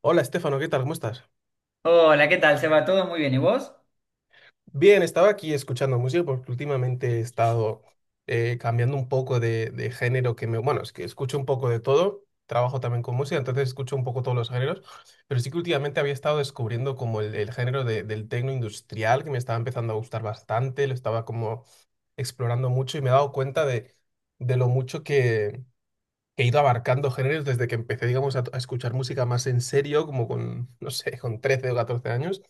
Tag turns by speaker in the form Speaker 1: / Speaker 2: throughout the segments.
Speaker 1: Hola, Estefano, ¿qué tal? ¿Cómo estás?
Speaker 2: Hola, ¿qué tal, Seba? ¿Todo muy bien? ¿Y vos?
Speaker 1: Bien, estaba aquí escuchando música porque últimamente he estado cambiando un poco de género que me... Bueno, es que escucho un poco de todo, trabajo también con música, entonces escucho un poco todos los géneros, pero sí que últimamente había estado descubriendo como el género del techno industrial que me estaba empezando a gustar bastante, lo estaba como explorando mucho y me he dado cuenta de lo mucho que he ido abarcando géneros desde que empecé, digamos, a escuchar música más en serio, como con, no sé, con 13 o 14 años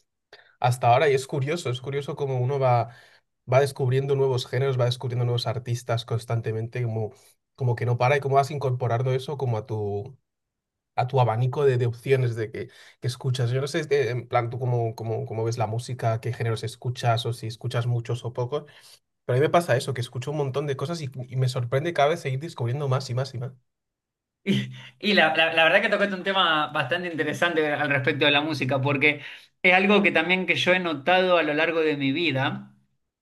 Speaker 1: hasta ahora. Y es curioso cómo uno va, va descubriendo nuevos géneros, va descubriendo nuevos artistas constantemente, como, como que no para, y cómo vas incorporando eso como a a tu abanico de opciones de que escuchas. Yo no sé, este, en plan, tú cómo ves la música, qué géneros escuchas o si escuchas muchos o pocos, pero a mí me pasa eso, que escucho un montón de cosas y me sorprende cada vez seguir descubriendo más y más y más.
Speaker 2: Y, la verdad que tocaste un tema bastante interesante al respecto de la música, porque es algo que también que yo he notado a lo largo de mi vida,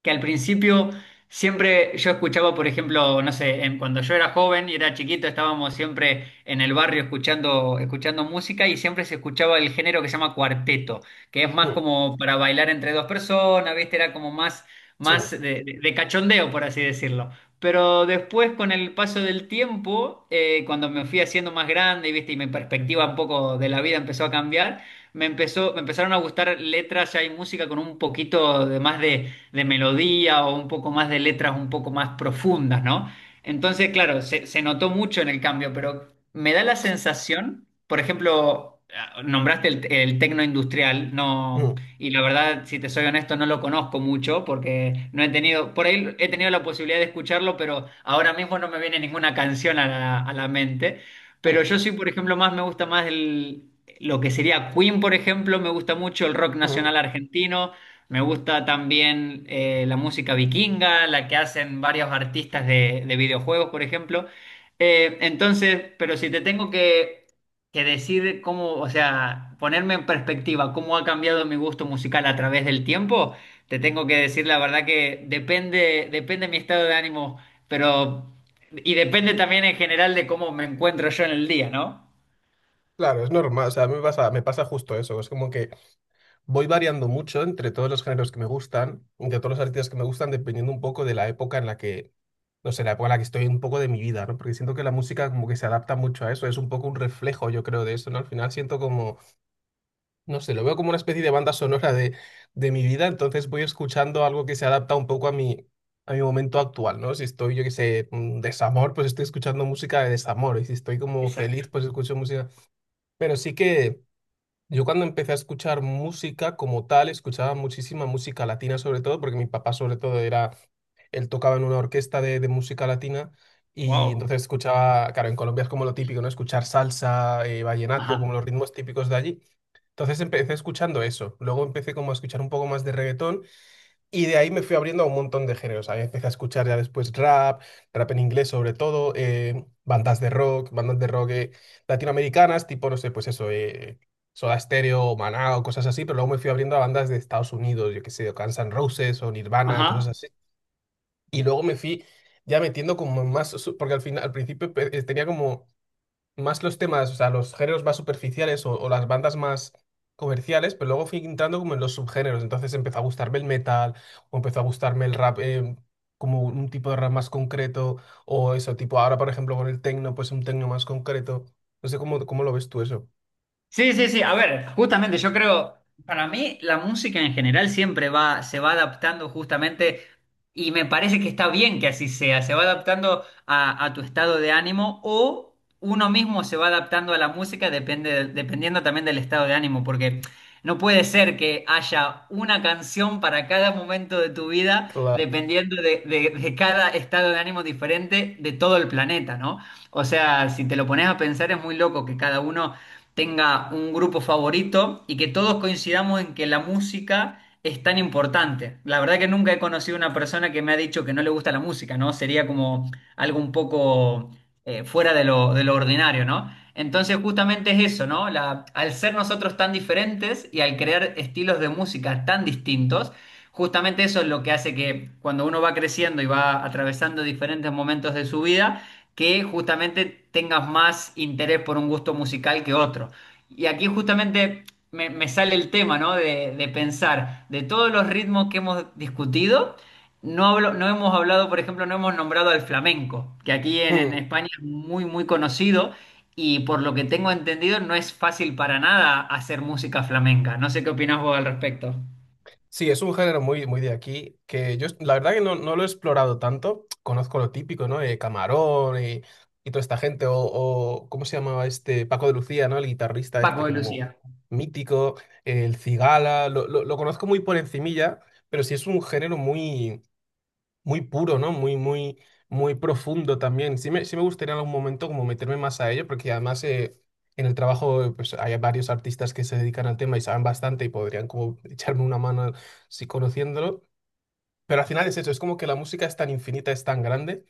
Speaker 2: que al principio siempre yo escuchaba, por ejemplo, no sé, cuando yo era joven y era chiquito, estábamos siempre en el barrio escuchando, escuchando música y siempre se escuchaba el género que se llama cuarteto, que es más
Speaker 1: Mm,
Speaker 2: como para bailar entre dos personas, ¿viste? Era como más,
Speaker 1: sí.
Speaker 2: más de cachondeo, por así decirlo. Pero después, con el paso del tiempo, cuando me fui haciendo más grande, y viste, y mi perspectiva un poco de la vida empezó a cambiar, me empezaron a gustar letras ya y música con un poquito de más de melodía o un poco más de letras un poco más profundas, ¿no? Entonces, claro, se notó mucho en el cambio, pero me da la sensación, por ejemplo, ah, nombraste el tecno industrial, no,
Speaker 1: mm,
Speaker 2: y la verdad, si te soy honesto, no lo conozco mucho porque no he tenido, por ahí he tenido la posibilidad de escucharlo, pero ahora mismo no me viene ninguna canción a la mente. Pero
Speaker 1: mm,
Speaker 2: yo sí, por ejemplo, más me gusta más el, lo que sería Queen, por ejemplo, me gusta mucho el rock
Speaker 1: mm.
Speaker 2: nacional argentino, me gusta también la música vikinga, la que hacen varios artistas de videojuegos, por ejemplo. Entonces, pero si te tengo que decide cómo, o sea, ponerme en perspectiva cómo ha cambiado mi gusto musical a través del tiempo, te tengo que decir la verdad que depende, depende mi estado de ánimo, pero y depende también en general de cómo me encuentro yo en el día, ¿no?
Speaker 1: Claro, es normal, o sea, a mí me pasa justo eso, es como que voy variando mucho entre todos los géneros que me gustan, entre todos los artistas que me gustan, dependiendo un poco de la época en la que, no sé, la época en la que estoy un poco de mi vida, ¿no? Porque siento que la música como que se adapta mucho a eso, es un poco un reflejo, yo creo, de eso, ¿no? Al final siento como, no sé, lo veo como una especie de banda sonora de mi vida, entonces voy escuchando algo que se adapta un poco a a mi momento actual, ¿no? Si estoy, yo qué sé, desamor, pues estoy escuchando música de desamor, y si estoy como
Speaker 2: Exacto.
Speaker 1: feliz, pues escucho música. Pero sí que... Yo cuando empecé a escuchar música como tal, escuchaba muchísima música latina sobre todo, porque mi papá sobre todo era, él tocaba en una orquesta de música latina y
Speaker 2: Wow.
Speaker 1: entonces escuchaba, claro, en Colombia es como lo típico, ¿no? Escuchar salsa,
Speaker 2: Ajá.
Speaker 1: vallenato, como los ritmos típicos de allí. Entonces empecé escuchando eso. Luego empecé como a escuchar un poco más de reggaetón y de ahí me fui abriendo a un montón de géneros. Ahí empecé a escuchar ya después rap, rap en inglés sobre todo, bandas de rock latinoamericanas, tipo, no sé, pues eso, Soda Stereo, Maná o cosas así, pero luego me fui abriendo a bandas de Estados Unidos, yo qué sé, o Guns N' Roses o Nirvana, cosas
Speaker 2: Ajá.
Speaker 1: así. Y luego me fui ya metiendo como en más, porque al final, al principio tenía como más los temas, o sea, los géneros más superficiales o las bandas más comerciales, pero luego fui entrando como en los subgéneros. Entonces empezó a gustarme el metal, o empezó a gustarme el rap, como un tipo de rap más concreto, o eso, tipo ahora, por ejemplo, con el techno pues un techno más concreto. No sé cómo lo ves tú eso.
Speaker 2: Sí, sí, sí. A ver, justamente yo creo, para mí la música en general siempre va, se va adaptando justamente y me parece que está bien que así sea. Se va adaptando a tu estado de ánimo o uno mismo se va adaptando a la música depende, dependiendo también del estado de ánimo, porque no puede ser que haya una canción para cada momento de tu vida
Speaker 1: Claro.
Speaker 2: dependiendo de, de cada estado de ánimo diferente de todo el planeta, ¿no? O sea, si te lo pones a pensar es muy loco que cada uno tenga un grupo favorito y que todos coincidamos en que la música es tan importante. La verdad que nunca he conocido una persona que me ha dicho que no le gusta la música, ¿no? Sería como algo un poco fuera de lo ordinario, ¿no? Entonces justamente es eso, ¿no? Al ser nosotros tan diferentes y al crear estilos de música tan distintos, justamente eso es lo que hace que cuando uno va creciendo y va atravesando diferentes momentos de su vida, que justamente tengas más interés por un gusto musical que otro. Y aquí justamente me sale el tema, ¿no? De pensar, de todos los ritmos que hemos discutido, no hemos hablado, por ejemplo, no hemos nombrado al flamenco, que aquí en
Speaker 1: Mm.
Speaker 2: España es muy, muy conocido y por lo que tengo entendido no es fácil para nada hacer música flamenca. No sé qué opinás vos al respecto.
Speaker 1: Sí, es un género muy, muy de aquí, que yo la verdad que no, no lo he explorado tanto. Conozco lo típico, ¿no? De Camarón y toda esta gente, o ¿cómo se llamaba este? Paco de Lucía, ¿no? El guitarrista este
Speaker 2: Paco y
Speaker 1: como
Speaker 2: Lucía.
Speaker 1: mítico, el Cigala, lo conozco muy por encimilla, pero sí es un género muy, muy puro, ¿no? Muy, muy, muy profundo también. Sí me gustaría en algún momento como meterme más a ello, porque además en el trabajo pues hay varios artistas que se dedican al tema y saben bastante y podrían como echarme una mano si conociéndolo. Pero al final es eso, es como que la música es tan infinita, es tan grande,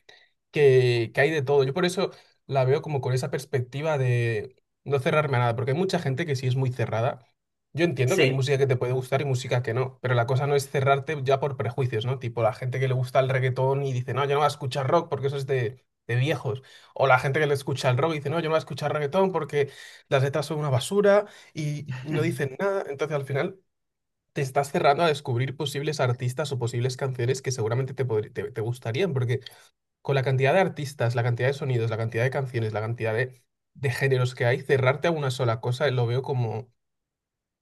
Speaker 1: que hay de todo. Yo por eso la veo como con esa perspectiva de no cerrarme a nada, porque hay mucha gente que sí es muy cerrada. Yo entiendo que hay
Speaker 2: Sí,
Speaker 1: música que te puede gustar y música que no, pero la cosa no es cerrarte ya por prejuicios, ¿no? Tipo la gente que le gusta el reggaetón y dice, no, yo no voy a escuchar rock porque eso es de viejos. O la gente que le escucha el rock y dice, no, yo no voy a escuchar reggaetón porque las letras son una basura y no dicen nada. Entonces al final te estás cerrando a descubrir posibles artistas o posibles canciones que seguramente te gustarían, porque con la cantidad de artistas, la cantidad de sonidos, la cantidad de canciones, la cantidad de géneros que hay, cerrarte a una sola cosa lo veo como...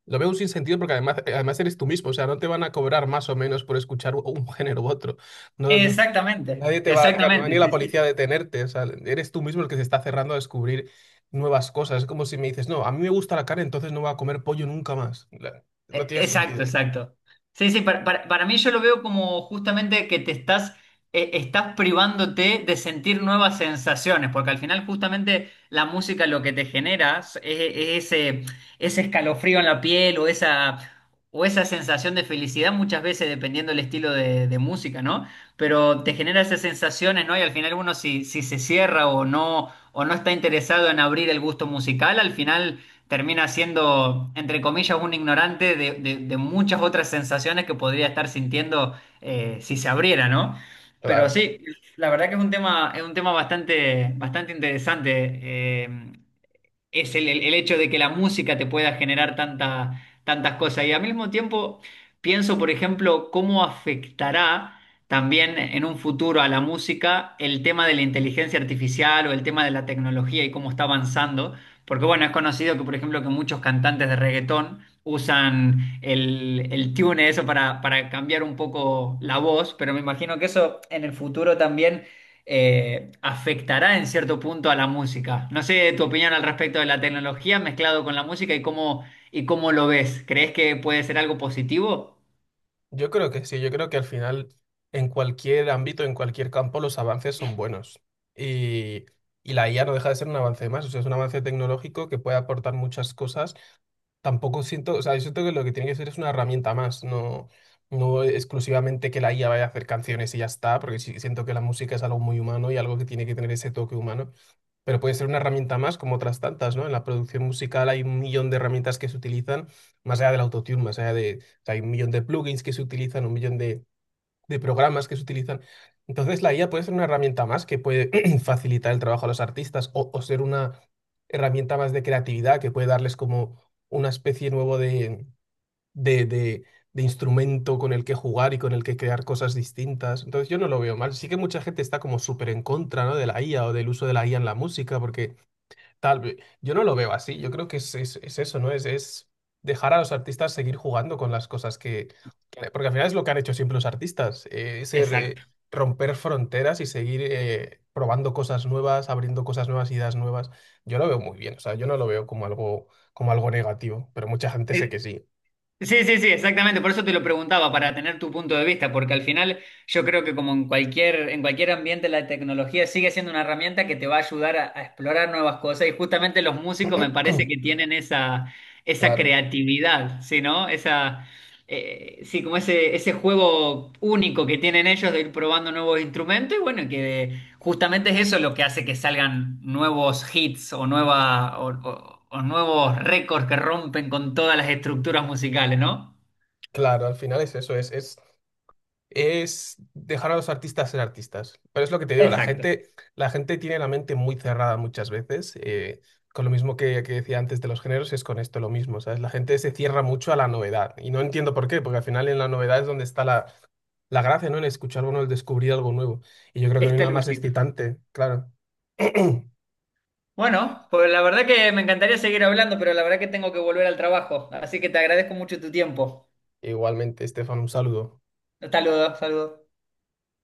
Speaker 1: Lo veo un sinsentido porque además, además eres tú mismo, o sea, no te van a cobrar más o menos por escuchar un género u otro. No, no,
Speaker 2: exactamente,
Speaker 1: nadie te va, no va a
Speaker 2: exactamente,
Speaker 1: venir la
Speaker 2: sí,
Speaker 1: policía
Speaker 2: sí.
Speaker 1: a detenerte, o sea, eres tú mismo el que se está cerrando a descubrir nuevas cosas. Es como si me dices, no, a mí me gusta la carne, entonces no voy a comer pollo nunca más. No
Speaker 2: E-
Speaker 1: tiene sentido.
Speaker 2: Exacto, exacto. Sí, sí, para, para mí yo lo veo como justamente que te estás, estás privándote de sentir nuevas sensaciones, porque al final justamente la música lo que te genera es ese, ese escalofrío en la piel o esa sensación de felicidad muchas veces dependiendo del estilo de música, ¿no? Pero te genera esas sensaciones, ¿no? Y al final uno si, si se cierra o no está interesado en abrir el gusto musical, al final termina siendo, entre comillas, un ignorante de, de muchas otras sensaciones que podría estar sintiendo si se abriera, ¿no? Pero
Speaker 1: Claro.
Speaker 2: sí, la verdad que es un tema bastante, bastante interesante. Es el, el hecho de que la música te pueda generar tantas cosas. Y al mismo tiempo pienso, por ejemplo, cómo afectará también en un futuro a la música el tema de la inteligencia artificial o el tema de la tecnología y cómo está avanzando. Porque bueno, es conocido que, por ejemplo, que muchos cantantes de reggaetón usan el tune, eso para cambiar un poco la voz, pero me imagino que eso en el futuro también afectará en cierto punto a la música. No sé tu opinión al respecto de la tecnología mezclado con la música y cómo lo ves. ¿Crees que puede ser algo positivo?
Speaker 1: Yo creo que sí, yo creo que al final, en cualquier ámbito, en cualquier campo, los avances son buenos. Y, y la IA no deja de ser un avance más, o sea, es un avance tecnológico que puede aportar muchas cosas. Tampoco siento, o sea, yo siento que lo que tiene que ser es una herramienta más, no, no exclusivamente que la IA vaya a hacer canciones y ya está, porque sí, siento que la música es algo muy humano y algo que tiene que tener ese toque humano. Pero puede ser una herramienta más, como otras tantas, ¿no? En la producción musical hay un millón de herramientas que se utilizan, más allá del autotune, más allá de... o sea, hay un millón de plugins que se utilizan, un millón de programas que se utilizan. Entonces, la IA puede ser una herramienta más que puede facilitar el trabajo a los artistas o ser una herramienta más de creatividad que puede darles como una especie nuevo de, de, de instrumento con el que jugar y con el que crear cosas distintas. Entonces, yo no lo veo mal. Sí que mucha gente está como súper en contra, ¿no? De la IA o del uso de la IA en la música, porque tal vez. Yo no lo veo así. Yo creo que es eso, ¿no? Es dejar a los artistas seguir jugando con las cosas porque al final es lo que han hecho siempre los artistas.
Speaker 2: Exacto.
Speaker 1: Romper fronteras y seguir probando cosas nuevas, abriendo cosas nuevas, ideas nuevas. Yo lo veo muy bien. O sea, yo no lo veo como algo negativo, pero mucha gente sé
Speaker 2: E-
Speaker 1: que sí.
Speaker 2: Sí, sí, sí, exactamente. Por eso te lo preguntaba, para tener tu punto de vista, porque al final yo creo que como en cualquier ambiente la tecnología sigue siendo una herramienta que te va a ayudar a explorar nuevas cosas y justamente los músicos me parece que tienen esa, esa
Speaker 1: Claro,
Speaker 2: creatividad, ¿sí, no? Esa, sí, como ese juego único que tienen ellos de ir probando nuevos instrumentos y bueno, que justamente es eso lo que hace que salgan nuevos hits o, nueva, o nuevos récords que rompen con todas las estructuras musicales, ¿no?
Speaker 1: claro, al final es eso, es es dejar a los artistas ser artistas. Pero es lo que te digo,
Speaker 2: Exacto.
Speaker 1: la gente tiene la mente muy cerrada muchas veces. Con lo mismo que decía antes de los géneros, es con esto lo mismo, ¿sabes? La gente se cierra mucho a la novedad. Y no entiendo por qué, porque al final en la novedad es donde está la gracia, ¿no? En escuchar algo, en el descubrir algo nuevo. Y yo creo que no hay
Speaker 2: Está
Speaker 1: nada
Speaker 2: el
Speaker 1: más
Speaker 2: gustillo.
Speaker 1: excitante, claro.
Speaker 2: Bueno, pues la verdad que me encantaría seguir hablando, pero la verdad que tengo que volver al trabajo. Así que te agradezco mucho tu tiempo.
Speaker 1: Igualmente, Estefan, un saludo.
Speaker 2: Saludos, saludos.